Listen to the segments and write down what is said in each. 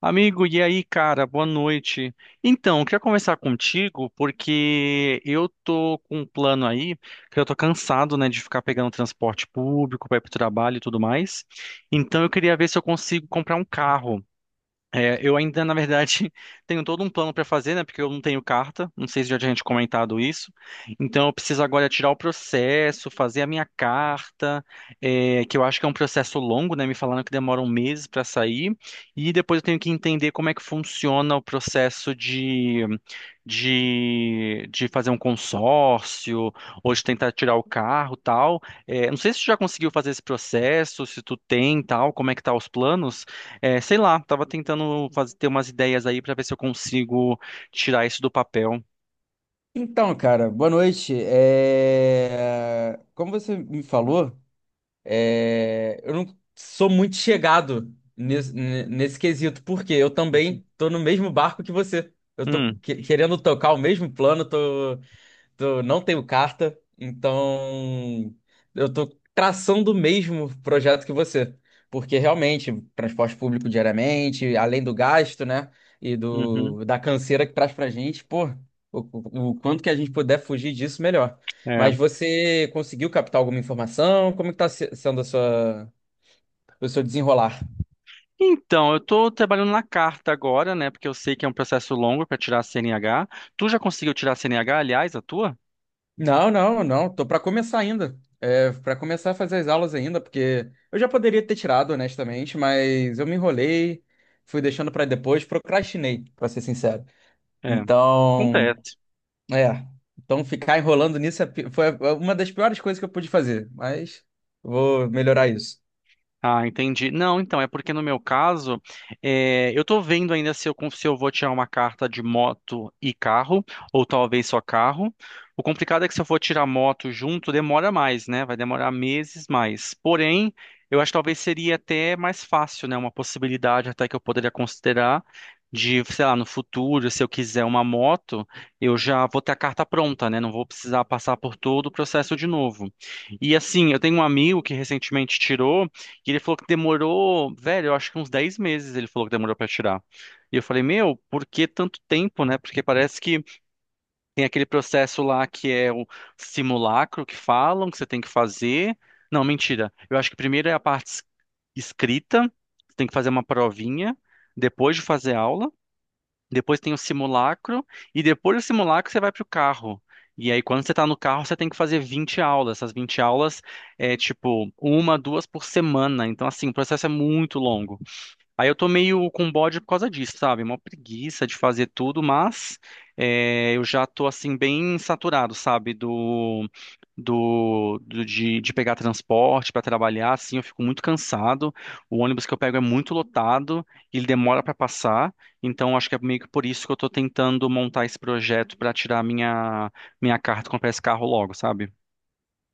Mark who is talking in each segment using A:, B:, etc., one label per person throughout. A: Amigo, e aí, cara? Boa noite. Então, eu queria conversar contigo porque eu tô com um plano aí, que eu tô cansado, né, de ficar pegando transporte público para ir pro trabalho e tudo mais. Então, eu queria ver se eu consigo comprar um carro. Eu ainda, na verdade, tenho todo um plano para fazer, né? Porque eu não tenho carta, não sei se já tinha gente comentado isso. Então, eu preciso agora tirar o processo, fazer a minha carta, que eu acho que é um processo longo, né? Me falaram que demora um mês para sair. E depois eu tenho que entender como é que funciona o processo de fazer um consórcio, ou de tentar tirar o carro, tal. Não sei se tu já conseguiu fazer esse processo, se tu tem, tal, como é que tá os planos. Sei lá, tava tentando fazer, ter umas ideias aí pra ver se eu consigo tirar isso do papel.
B: Então, cara, boa noite. Como você me falou, eu não sou muito chegado nesse quesito, porque eu também tô no mesmo barco que você. Eu tô
A: Hum,
B: querendo tocar o mesmo plano, não tenho carta, então eu tô traçando o mesmo projeto que você. Porque realmente, transporte público diariamente, além do gasto, né? E
A: uhum,
B: da canseira que traz pra gente, pô, o, o quanto que a gente puder fugir disso, melhor.
A: é.
B: Mas você conseguiu captar alguma informação? Como que tá sendo a o seu desenrolar?
A: Então, eu tô trabalhando na carta agora, né? Porque eu sei que é um processo longo pra tirar a CNH. Tu já conseguiu tirar a CNH, aliás, a tua?
B: Não, não, não. Tô para começar ainda. Para começar a fazer as aulas ainda, porque eu já poderia ter tirado, honestamente, mas eu me enrolei, fui deixando para depois, procrastinei, para ser sincero.
A: É,
B: Então,
A: acontece.
B: é, então ficar enrolando nisso foi uma das piores coisas que eu pude fazer, mas vou melhorar isso.
A: Ah, entendi. Não, então, é porque no meu caso, eu tô vendo ainda se eu, se eu vou tirar uma carta de moto e carro, ou talvez só carro. O complicado é que se eu for tirar moto junto, demora mais, né? Vai demorar meses mais. Porém, eu acho que talvez seria até mais fácil, né? Uma possibilidade até que eu poderia considerar de, sei lá, no futuro, se eu quiser uma moto, eu já vou ter a carta pronta, né? Não vou precisar passar por todo o processo de novo. E assim, eu tenho um amigo que recentemente tirou. E ele falou que demorou, velho, eu acho que uns 10 meses ele falou que demorou pra tirar. E eu falei, meu, por que tanto tempo, né? Porque parece que tem aquele processo lá que é o simulacro que falam que você tem que fazer. Não, mentira. Eu acho que primeiro é a parte escrita, você tem que fazer uma provinha, depois de fazer aula. Depois tem o simulacro e depois do simulacro você vai para o carro. E aí, quando você está no carro, você tem que fazer 20 aulas. Essas 20 aulas é tipo uma, duas por semana. Então, assim, o processo é muito longo. Aí eu tô meio com bode por causa disso, sabe? Uma preguiça de fazer tudo, mas eu já tô assim bem saturado, sabe? De pegar transporte para trabalhar, assim, eu fico muito cansado. O ônibus que eu pego é muito lotado, ele demora para passar, então acho que é meio que por isso que eu tô tentando montar esse projeto para tirar minha carta e comprar esse carro logo, sabe?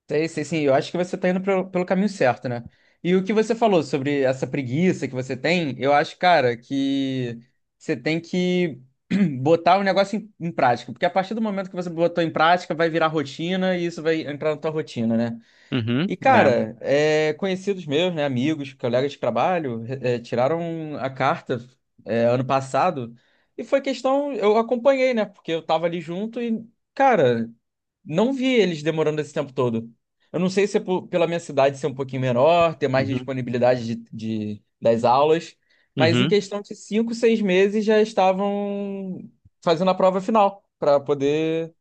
B: Sei, sei, sim. Eu acho que você tá indo pelo caminho certo, né? E o que você falou sobre essa preguiça que você tem, eu acho, cara, que você tem que botar o negócio em prática. Porque a partir do momento que você botou em prática, vai virar rotina e isso vai entrar na tua rotina, né?
A: Uhum,
B: E,
A: é.
B: cara, conhecidos meus, né, amigos, colegas de trabalho, tiraram a carta, ano passado e foi questão, eu acompanhei, né, porque eu tava ali junto e, cara, não vi eles demorando esse tempo todo. Eu não sei se é pela minha cidade ser um pouquinho menor, ter mais
A: Uhum,
B: disponibilidade das aulas, mas em
A: uhum.
B: questão de cinco, seis meses já estavam fazendo a prova final para poder,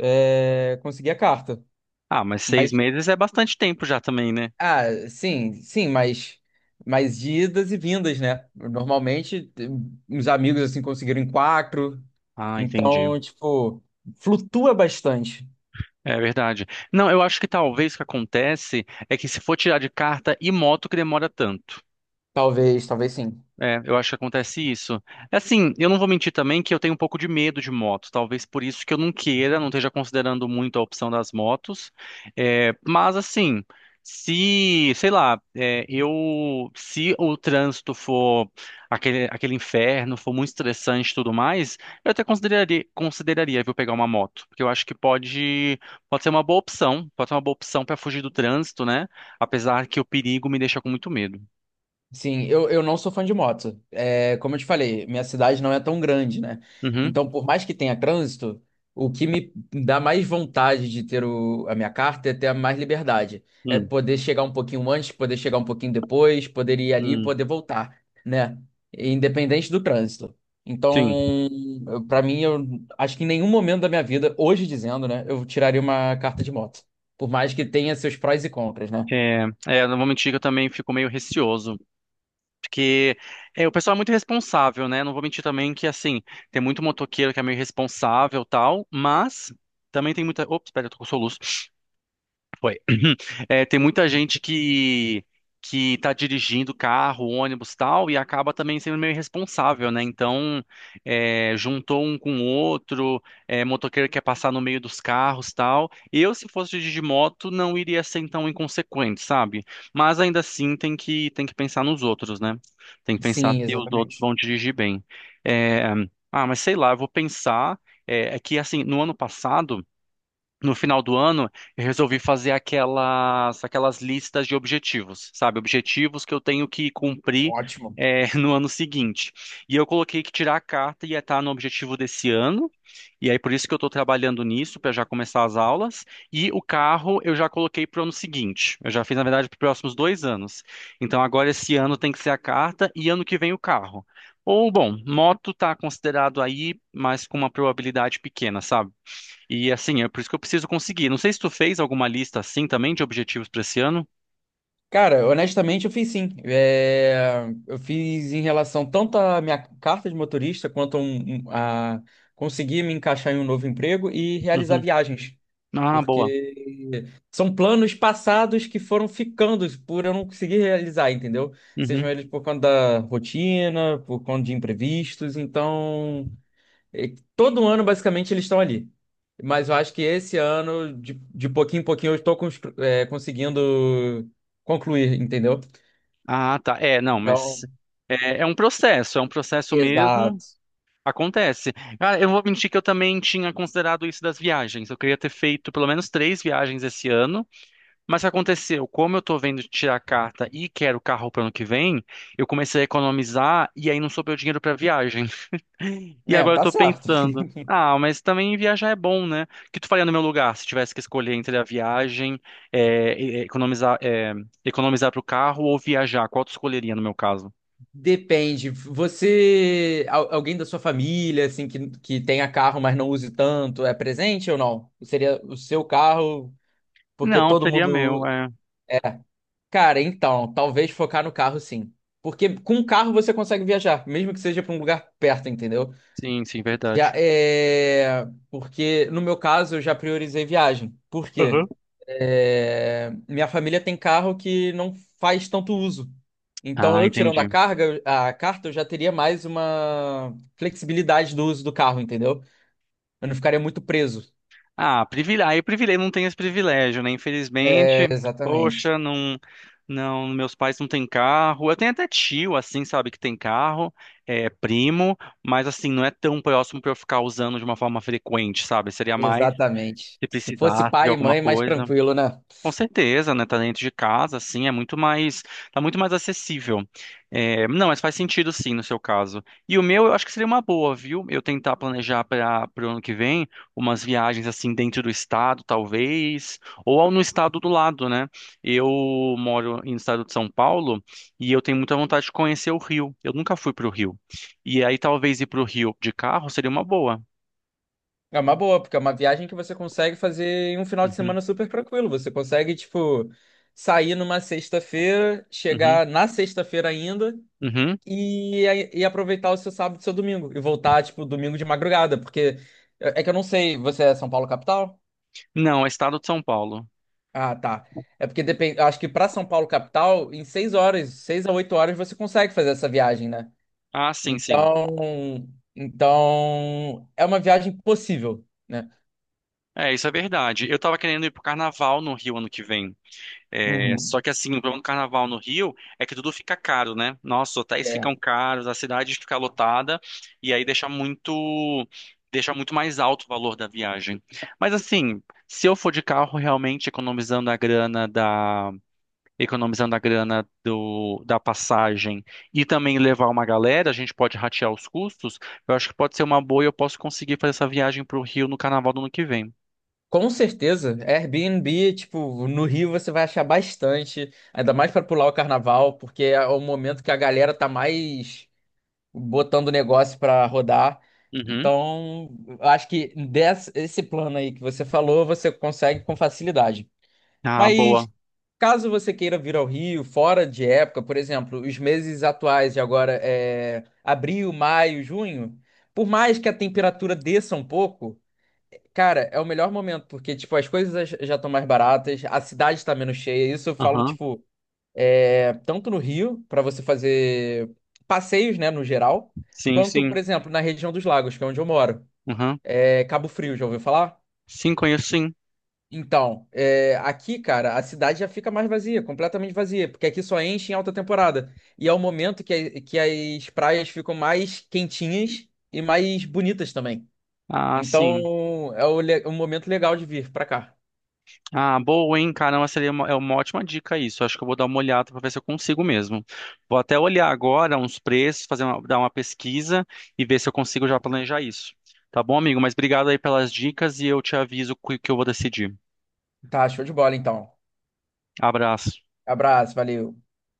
B: conseguir a carta.
A: Ah, mas seis
B: Mas
A: meses é bastante tempo já também, né?
B: Ah, sim, sim, mas de idas e vindas, né? Normalmente, os amigos assim conseguiram em quatro,
A: Ah, entendi.
B: então, tipo, flutua bastante.
A: É verdade. Não, eu acho que talvez o que acontece é que se for tirar de carta e moto que demora tanto.
B: Talvez, talvez sim.
A: É, eu acho que acontece isso. É. Assim, eu não vou mentir também que eu tenho um pouco de medo de moto. Talvez por isso que eu não queira, não esteja considerando muito a opção das motos. Mas assim, se, sei lá, se o trânsito for aquele inferno, for muito estressante e tudo mais, eu até consideraria, viu, pegar uma moto. Porque eu acho que pode ser uma boa opção. Pode ser uma boa opção para fugir do trânsito, né? Apesar que o perigo me deixa com muito medo.
B: Sim, eu não sou fã de moto. É, como eu te falei, minha cidade não é tão grande, né?
A: Uhum.
B: Então, por mais que tenha trânsito, o que me dá mais vontade de ter a minha carta é ter mais liberdade. É
A: Hum.
B: poder chegar um pouquinho antes, poder chegar um pouquinho depois, poder ir ali e
A: Hum.
B: poder voltar, né? Independente do trânsito.
A: Sim,
B: Então, pra mim, eu acho que em nenhum momento da minha vida, hoje dizendo, né, eu tiraria uma carta de moto. Por mais que tenha seus prós e contras, né?
A: não vou mentir que eu também fico meio receoso, porque o pessoal é muito responsável, né? Não vou mentir também que, assim, tem muito motoqueiro que é meio responsável e tal, mas também tem muita... Ops, espera, eu tô com soluço. Foi. É, tem muita gente que tá dirigindo carro, ônibus, tal, e acaba também sendo meio irresponsável, né? Então, juntou um com o outro, motoqueiro quer passar no meio dos carros, tal. Eu, se fosse dirigir moto, não iria ser tão inconsequente, sabe? Mas ainda assim tem que pensar nos outros, né? Tem que pensar
B: Sim,
A: se os outros
B: exatamente.
A: vão dirigir bem. É, ah, mas sei lá, eu vou pensar. É que assim, no ano passado no final do ano, eu resolvi fazer aquelas listas de objetivos, sabe? Objetivos que eu tenho que cumprir,
B: Ótimo.
A: no ano seguinte. E eu coloquei que tirar a carta ia estar no objetivo desse ano, e aí por isso que eu estou trabalhando nisso, para já começar as aulas. E o carro eu já coloquei para o ano seguinte. Eu já fiz, na verdade, para os próximos dois anos. Então agora esse ano tem que ser a carta e ano que vem o carro. Ou, bom, moto está considerado aí, mas com uma probabilidade pequena, sabe? E assim, é por isso que eu preciso conseguir. Não sei se tu fez alguma lista assim também de objetivos para esse ano.
B: Cara, honestamente, eu fiz sim. É, eu fiz em relação tanto à minha carta de motorista quanto a conseguir me encaixar em um novo emprego e realizar
A: Uhum.
B: viagens.
A: Ah, boa.
B: Porque são planos passados que foram ficando por eu não conseguir realizar, entendeu? Sejam
A: Uhum.
B: eles por conta da rotina, por conta de imprevistos. Então, todo ano, basicamente, eles estão ali. Mas eu acho que esse ano, de pouquinho em pouquinho, eu estou conseguindo concluir, entendeu?
A: Ah, tá. É, não, mas
B: Então,
A: é um processo mesmo.
B: exato.
A: Acontece. Cara, eu não vou mentir que eu também tinha considerado isso das viagens. Eu queria ter feito pelo menos três viagens esse ano, mas o que aconteceu? Como eu tô vendo de tirar a carta e quero carro para ano que vem, eu comecei a economizar e aí não sobrou dinheiro para viagem. E
B: É,
A: agora eu
B: tá
A: tô
B: certo.
A: pensando, ah, mas também viajar é bom, né? O que tu faria no meu lugar se tivesse que escolher entre a viagem, economizar, economizar pro carro ou viajar? Qual tu escolheria no meu caso?
B: Depende. Você, alguém da sua família, assim, que tenha carro, mas não use tanto, é presente ou não? Seria o seu carro, porque
A: Não,
B: todo
A: seria meu,
B: mundo.
A: é.
B: Cara, então, talvez focar no carro, sim. Porque com o carro você consegue viajar, mesmo que seja para um lugar perto, entendeu?
A: Sim, sim,
B: Já
A: verdade.
B: é. Porque no meu caso eu já priorizei viagem. Por quê?
A: Aham.
B: É, minha família tem carro que não faz tanto uso. Então,
A: Ah,
B: eu tirando
A: entendi.
B: a carta, eu já teria mais uma flexibilidade do uso do carro, entendeu? Eu não ficaria muito preso.
A: Ah, privile... aí o privilégio não tem esse privilégio, né?
B: É,
A: Infelizmente,
B: exatamente.
A: poxa, não, não, meus pais não têm carro. Eu tenho até tio, assim, sabe, que tem carro, é primo, mas assim, não é tão próximo pra eu ficar usando de uma forma frequente, sabe? Seria mais
B: Exatamente.
A: se
B: Se fosse
A: precisasse de
B: pai e
A: alguma
B: mãe, mais
A: coisa.
B: tranquilo, né?
A: Com certeza, né? Tá dentro de casa, assim, é muito mais, tá muito mais acessível. É, não, mas faz sentido sim no seu caso. E o meu, eu acho que seria uma boa, viu? Eu tentar planejar para o ano que vem umas viagens assim dentro do estado, talvez, ou ao no estado do lado, né? Eu moro no estado de São Paulo e eu tenho muita vontade de conhecer o Rio. Eu nunca fui para o Rio. E aí talvez ir para o Rio de carro seria uma boa.
B: É uma boa, porque é uma viagem que você consegue fazer em um final de
A: Uhum,
B: semana super tranquilo. Você consegue, tipo, sair numa sexta-feira,
A: uhum,
B: chegar na sexta-feira ainda
A: uhum.
B: e aproveitar o seu sábado e seu domingo. E voltar, tipo, domingo de madrugada, porque que eu não sei, você é São Paulo capital?
A: Não, é estado de São Paulo.
B: Ah, tá. É porque depende, acho que pra São Paulo capital, em seis horas, seis a oito horas você consegue fazer essa viagem, né?
A: Ah, sim, sim.
B: Então, então é uma viagem possível, né?
A: É, isso é verdade. Eu tava querendo ir pro carnaval no Rio ano que vem. É,
B: Uhum.
A: só que assim, o problema do carnaval no Rio é que tudo fica caro, né? Nossa, os hotéis ficam
B: É.
A: caros, a cidade fica lotada e aí deixa muito mais alto o valor da viagem. Mas assim, se eu for de carro realmente economizando a grana da passagem e também levar uma galera, a gente pode ratear os custos. Eu acho que pode ser uma boa e eu posso conseguir fazer essa viagem pro Rio no carnaval do ano que vem.
B: Com certeza, Airbnb, tipo, no Rio você vai achar bastante, ainda mais para pular o carnaval, porque é o momento que a galera tá mais botando o negócio para rodar.
A: Uhum.
B: Então, eu acho esse plano aí que você falou, você consegue com facilidade.
A: Ah, boa.
B: Mas caso você queira vir ao Rio, fora de época, por exemplo, os meses atuais de agora é abril, maio, junho, por mais que a temperatura desça um pouco, cara, é o melhor momento, porque tipo, as coisas já estão mais baratas, a cidade está menos cheia, isso eu falo,
A: Aham.
B: tipo, é, tanto no Rio, para você fazer passeios, né, no geral,
A: Sim,
B: quanto, por
A: sim.
B: exemplo, na região dos lagos, que é onde eu moro.
A: Aham.
B: É Cabo Frio, já ouviu falar?
A: Sim, conheço sim.
B: Então, é, aqui, cara, a cidade já fica mais vazia, completamente vazia, porque aqui só enche em alta temporada. E é o momento que as praias ficam mais quentinhas e mais bonitas também.
A: Ah, sim.
B: Então, é o um momento legal de vir pra cá.
A: Ah, boa, hein? Caramba, é uma ótima dica isso. Acho que eu vou dar uma olhada para ver se eu consigo mesmo. Vou até olhar agora uns preços, dar uma pesquisa e ver se eu consigo já planejar isso. Tá bom, amigo? Mas obrigado aí pelas dicas e eu te aviso o que que eu vou decidir.
B: Tá, show de bola, então.
A: Abraço.
B: Abraço, valeu.